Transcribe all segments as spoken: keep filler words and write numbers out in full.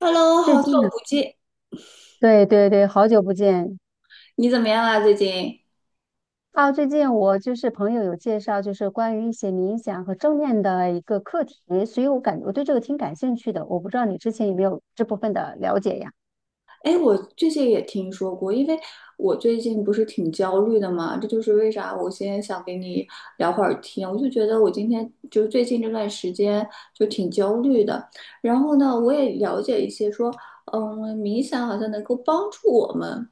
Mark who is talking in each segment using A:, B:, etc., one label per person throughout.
A: Hello，
B: 最
A: 好
B: 近啊，
A: 久不见，
B: 对对对，好久不见
A: 你怎么样啊？最近？
B: 啊！最近我就是朋友有介绍，就是关于一些冥想和正念的一个课题，所以我感我对这个挺感兴趣的。我不知道你之前有没有这部分的了解呀？
A: 哎，我最近也听说过，因为我最近不是挺焦虑的嘛，这就是为啥我今天想跟你聊会儿天。我就觉得我今天就是最近这段时间就挺焦虑的，然后呢，我也了解一些说，嗯，冥想好像能够帮助我们，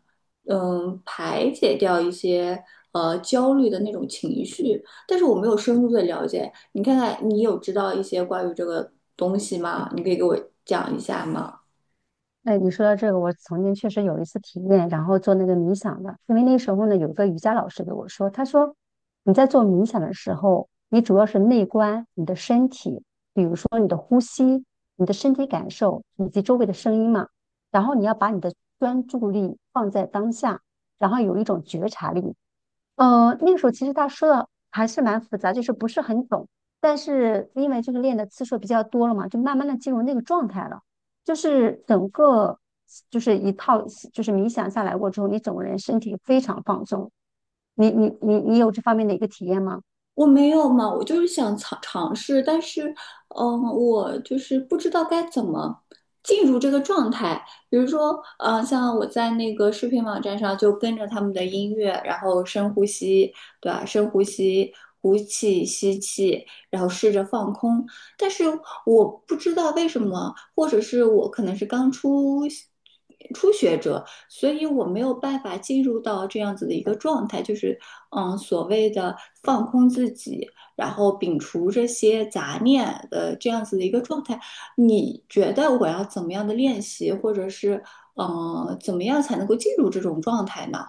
A: 嗯，排解掉一些呃焦虑的那种情绪，但是我没有深入的了解。你看看，你有知道一些关于这个东西吗？你可以给我讲一下吗？
B: 哎，你说到这个，我曾经确实有一次体验，然后做那个冥想的，因为那时候呢，有一个瑜伽老师给我说，他说你在做冥想的时候，你主要是内观你的身体，比如说你的呼吸、你的身体感受以及周围的声音嘛，然后你要把你的专注力放在当下，然后有一种觉察力。呃，那个时候其实他说的还是蛮复杂，就是不是很懂，但是因为就是练的次数比较多了嘛，就慢慢的进入那个状态了。就是整个就是一套就是冥想下来过之后，你整个人身体非常放松。你你你你有这方面的一个体验吗？
A: 我没有嘛，我就是想尝尝试，但是，嗯、我就是不知道该怎么进入这个状态。比如说，呃，像我在那个视频网站上就跟着他们的音乐，然后深呼吸，对吧？深呼吸，呼气、吸气，然后试着放空。但是我不知道为什么，或者是我可能是刚出初学者，所以我没有办法进入到这样子的一个状态，就是嗯，所谓的放空自己，然后摒除这些杂念的这样子的一个状态。你觉得我要怎么样的练习，或者是嗯，怎么样才能够进入这种状态呢？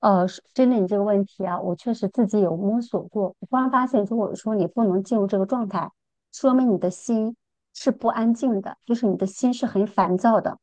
B: 呃，是针对你这个问题啊，我确实自己有摸索过。我突然发现，如果说你不能进入这个状态，说明你的心是不安静的，就是你的心是很烦躁的。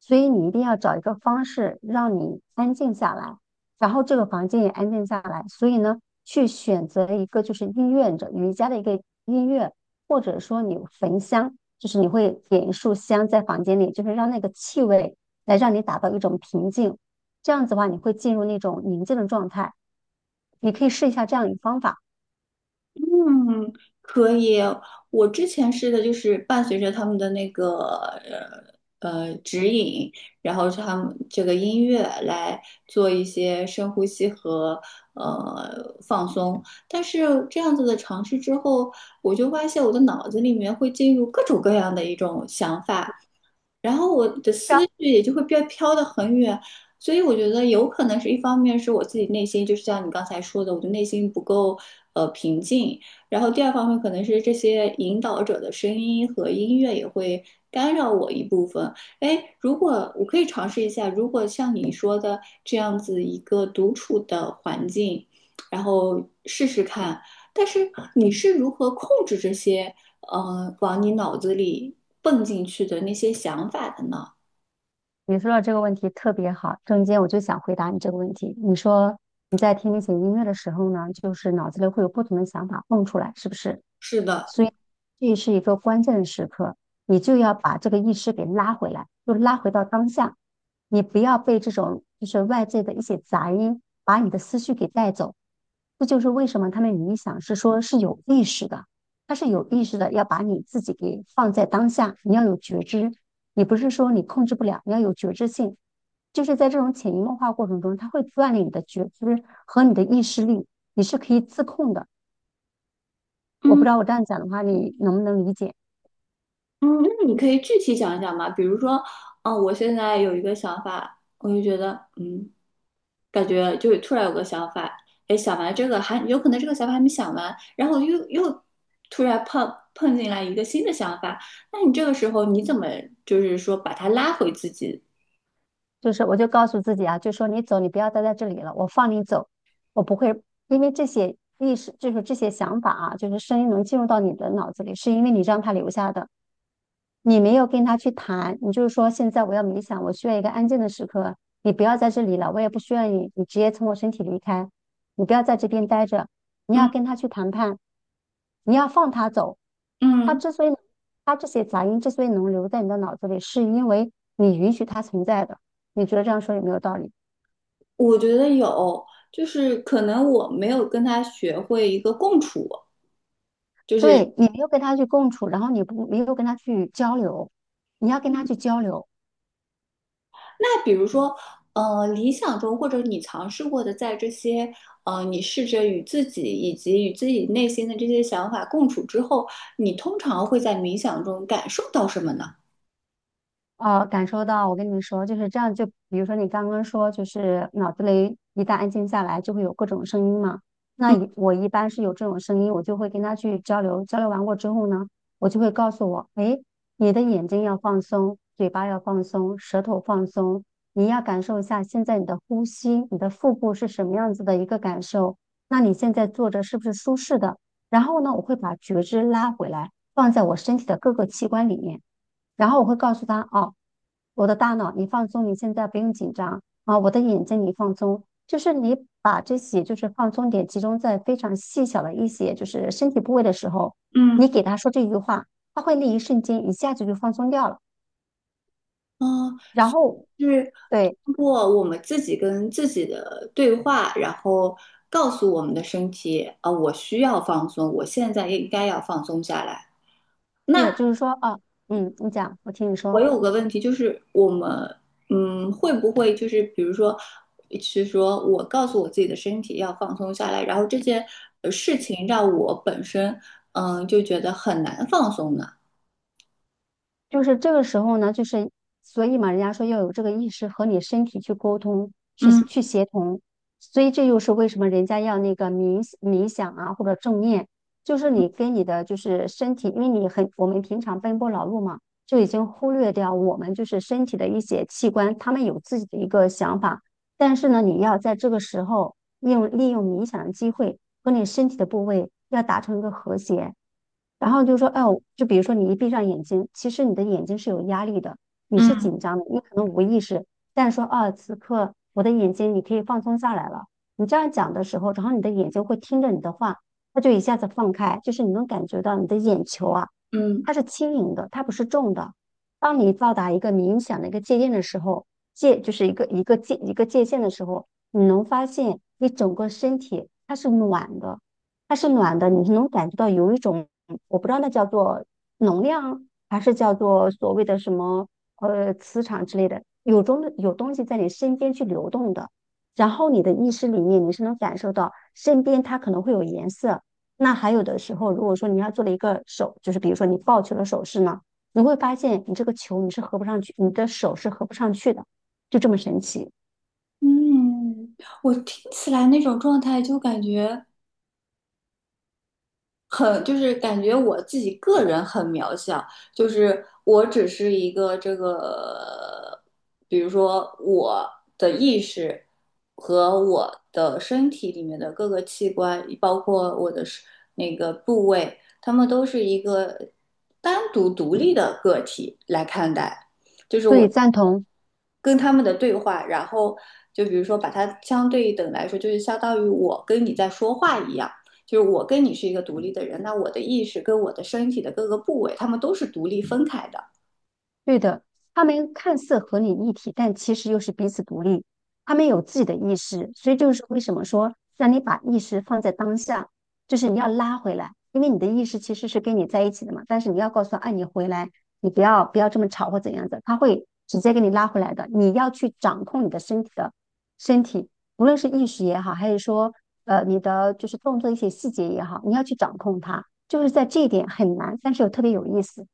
B: 所以你一定要找一个方式让你安静下来，然后这个房间也安静下来。所以呢，去选择一个就是音乐者，瑜伽的一个音乐，或者说你焚香，就是你会点一束香在房间里，就是让那个气味来让你达到一种平静。这样子的话，你会进入那种宁静的状态。你可以试一下这样一个方法。
A: 嗯，可以。我之前试的就是伴随着他们的那个呃呃指引，然后是他们这个音乐来做一些深呼吸和呃放松。但是这样子的尝试之后，我就发现我的脑子里面会进入各种各样的一种想法，然后我的
B: 是啊，
A: 思绪也就会飘飘得很远，所以我觉得有可能是一方面是我自己内心，就是像你刚才说的，我的内心不够呃平静，然后第二方面可能是这些引导者的声音和音乐也会干扰我一部分。哎，如果我可以尝试一下，如果像你说的这样子一个独处的环境，然后试试看。但是你是如何控制这些呃，往你脑子里蹦进去的那些想法的呢？
B: 你说到这个问题特别好，中间我就想回答你这个问题。你说你在听那些音乐的时候呢，就是脑子里会有不同的想法蹦出来，是不是？
A: 是的，
B: 所以这是一个关键的时刻，你就要把这个意识给拉回来，就拉回到当下。你不要被这种就是外界的一些杂音把你的思绪给带走。这就是为什么他们冥想是说是有意识的。他是有意识的，要把你自己给放在当下，你要有觉知，你不是说你控制不了，你要有觉知性。就是在这种潜移默化过程中，它会锻炼你的觉知和你的意识力，你是可以自控的。我不
A: 嗯
B: 知道我这样讲的话，你能不能理解？
A: 嗯，那你可以具体讲一讲吗？比如说，嗯、我现在有一个想法，我就觉得，嗯，感觉就突然有个想法，哎，想完这个还有可能这个想法还没想完，然后又又突然碰碰进来一个新的想法，那你这个时候你怎么就是说把它拉回自己？
B: 就是我就告诉自己啊，就说你走，你不要待在这里了，我放你走，我不会因为这些意识，就是这些想法啊，就是声音能进入到你的脑子里，是因为你让它留下的。你没有跟他去谈，你就是说现在我要冥想，我需要一个安静的时刻，你不要在这里了，我也不需要你，你直接从我身体离开，你不要在这边待着，你要
A: 嗯
B: 跟他去谈判，你要放他走。他
A: 嗯，
B: 之所以，他这些杂音之所以能留在你的脑子里，是因为你允许他存在的。你觉得这样说有没有道理？
A: 我觉得有，就是可能我没有跟他学会一个共处。就是
B: 对，你没有跟他去共处，然后你不没有跟他去交流，你要跟他去交流。
A: 那比如说，呃，理想中或者你尝试过的，在这些呃，你试着与自己以及与自己内心的这些想法共处之后，你通常会在冥想中感受到什么呢？
B: 哦，感受到，我跟你说，就是这样。就比如说你刚刚说，就是脑子里一旦安静下来，就会有各种声音嘛。那一我一般是有这种声音，我就会跟他去交流。交流完过之后呢，我就会告诉我，诶，你的眼睛要放松，嘴巴要放松，舌头放松，你要感受一下现在你的呼吸，你的腹部是什么样子的一个感受。那你现在坐着是不是舒适的？然后呢，我会把觉知拉回来，放在我身体的各个器官里面。然后我会告诉他，哦，我的大脑你放松，你现在不用紧张啊，我的眼睛你放松，就是你把这些就是放松点集中在非常细小的一些就是身体部位的时候，
A: 嗯
B: 你给他说这句话，他会那一瞬间一下子就放松掉了。
A: 嗯、
B: 然后
A: 是
B: 对，
A: 通过我们自己跟自己的对话，然后告诉我们的身体，啊、我需要放松，我现在应该要放松下来。
B: 是
A: 那
B: 就是说啊，嗯，你讲，我听你
A: 我
B: 说。
A: 有个问题，就是我们，嗯，会不会就是比如说，是说我告诉我自己的身体要放松下来，然后这件呃事情让我本身，嗯，就觉得很难放松呢？
B: 就是这个时候呢，就是所以嘛，人家说要有这个意识和你身体去沟通，去
A: 嗯
B: 去协同，所以这又是为什么人家要那个冥冥想啊，或者正念，就是你跟你的就是身体，因为你很我们平常奔波劳碌嘛，就已经忽略掉我们就是身体的一些器官，他们有自己的一个想法，但是呢，你要在这个时候用利用冥想的机会和你身体的部位要达成一个和谐。然后就说，哦，就比如说你一闭上眼睛，其实你的眼睛是有压力的，你是
A: 嗯
B: 紧张的，你可能无意识，但是说啊，此刻我的眼睛你可以放松下来了。你这样讲的时候，然后你的眼睛会听着你的话，它就一下子放开，就是你能感觉到你的眼球啊，
A: 嗯
B: 它是轻盈的，它不是重的。当你到达一个冥想的一个界限的时候，界就是一个一个界一个界限的时候，你能发现你整个身体它是暖的。它是暖的，你是能感觉到有一种，我不知道那叫做能量，还是叫做所谓的什么呃磁场之类的，有中有东西在你身边去流动的，然后你的意识里面你是能感受到身边它可能会有颜色。那还有的时候，如果说你要做了一个手，就是比如说你抱球的手势呢，你会发现你这个球你是合不上去，你的手是合不上去的，就这么神奇。
A: 嗯，我听起来那种状态就感觉。很就是感觉我自己个人很渺小，就是我只是一个这个，比如说我的意识和我的身体里面的各个器官，包括我的是那个部位，它们都是一个单独独立的个体来看待。
B: 所以赞同。
A: 跟他们的对话，然后就比如说把它相对等来说，就是相当于我跟你在说话一样，就是我跟你是一个独立的人，那我的意识跟我的身体的各个部位，他们都是独立分开的。
B: 对的，他们看似合你一体，但其实又是彼此独立。他们有自己的意识，所以就是为什么说让你把意识放在当下，就是你要拉回来，因为你的意识其实是跟你在一起的嘛。但是你要告诉他，哎，你回来，你不要不要这么吵或怎样子，他会直接给你拉回来的。你要去掌控你的身体的身体，无论是意识也好，还是说呃你的就是动作一些细节也好，你要去掌控它，就是在这一点很难，但是又特别有意思。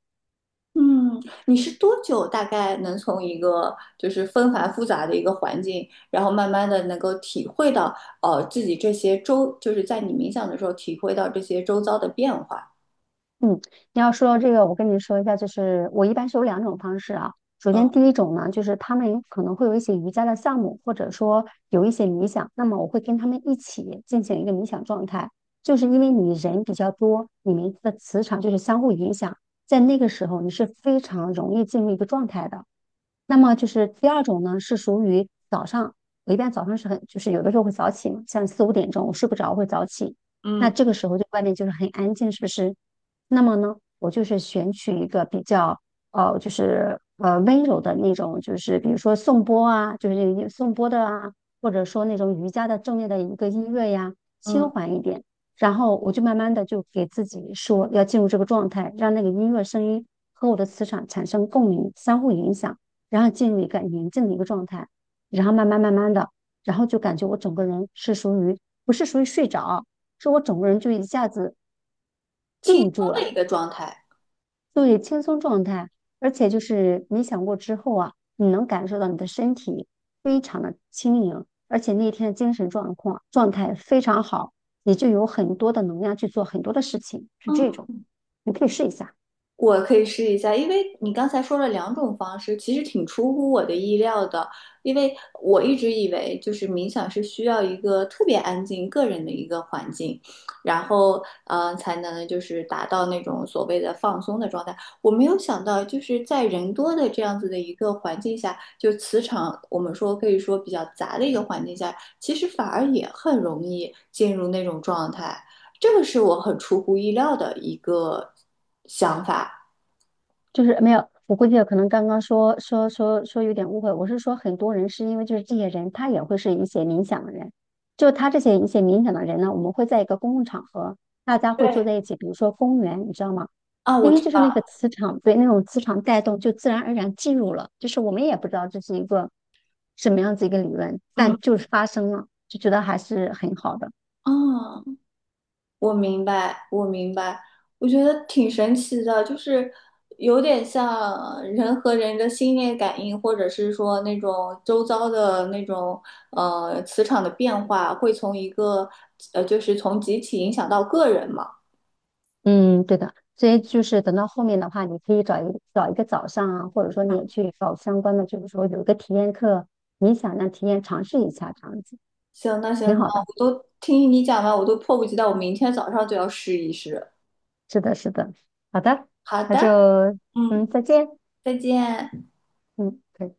A: 嗯，你是多久大概能从一个就是纷繁复杂的一个环境，然后慢慢的能够体会到，呃，自己这些周，就是在你冥想的时候体会到这些周遭的变化。
B: 嗯，你要说到这个，我跟你说一下，就是我一般是有两种方式啊。首先，
A: 嗯
B: 第一种呢，就是他们有可能会有一些瑜伽的项目，或者说有一些冥想，那么我会跟他们一起进行一个冥想状态，就是因为你人比较多，你们的磁场就是相互影响，在那个时候你是非常容易进入一个状态的。那么就是第二种呢，是属于早上，我一般早上是很，就是有的时候会早起嘛，像四五点钟我睡不着会早起，那
A: 嗯
B: 这个时候就外面就是很安静，是不是？那么呢，我就是选取一个比较呃，就是呃温柔的那种，就是比如说颂钵啊，就是颂钵的啊，或者说那种瑜伽的正念的一个音乐呀，轻
A: 嗯，
B: 缓一点，然后我就慢慢的就给自己说要进入这个状态，让那个音乐声音和我的磁场产生共鸣，相互影响。然后进入一个宁静的一个状态，然后慢慢慢慢的，然后就感觉我整个人是属于不是属于睡着，是我整个人就一下子
A: 轻
B: 定住
A: 松的
B: 了，
A: 一个状态。
B: 对，轻松状态，而且就是冥想过之后啊，你能感受到你的身体非常的轻盈，而且那天的精神状况状态非常好，你就有很多的能量去做很多的事情，是这
A: 嗯
B: 种，你可以试一下。
A: 我可以试一下，因为你刚才说了两种方式，其实挺出乎我的意料的。因为我一直以为就是冥想是需要一个特别安静、个人的一个环境，然后嗯，才能就是达到那种所谓的放松的状态。我没有想到，就是在人多的这样子的一个环境下，就磁场我们说可以说比较杂的一个环境下，其实反而也很容易进入那种状态。这个是我很出乎意料的一个想法。
B: 就是没有，我估计可能刚刚说说说说有点误会，我是说很多人是因为就是这些人他也会是一些冥想的人，就他这些一些冥想的人呢，我们会在一个公共场合，大家会
A: 对，
B: 坐在一起，比如说公园，你知道吗？
A: 啊，
B: 因
A: 我
B: 为
A: 知
B: 就是
A: 道，
B: 那个磁场，被那种磁场带动，就自然而然进入了，就是我们也不知道这是一个什么样子一个理论，
A: 嗯，
B: 但就是发生了，就觉得还是很好的。
A: 哦，我明白，我明白，我觉得挺神奇的，就是有点像人和人的心电感应，或者是说那种周遭的那种呃磁场的变化，会从一个呃就是从集体影响到个人嘛。
B: 嗯，对的，所以就是等到后面的话，你可以找一找一个早上啊，或者说你
A: 嗯，
B: 也去找相关的，就是说有一个体验课，你想让体验尝试一下这样子，
A: 行，那行，
B: 挺
A: 那
B: 好的。
A: 我都听你讲完，我都迫不及待，我明天早上就要试一试。
B: 是的，是的，好的，
A: 好
B: 那
A: 的，
B: 就
A: 嗯，
B: 嗯，再见，
A: 再见。
B: 嗯，可以。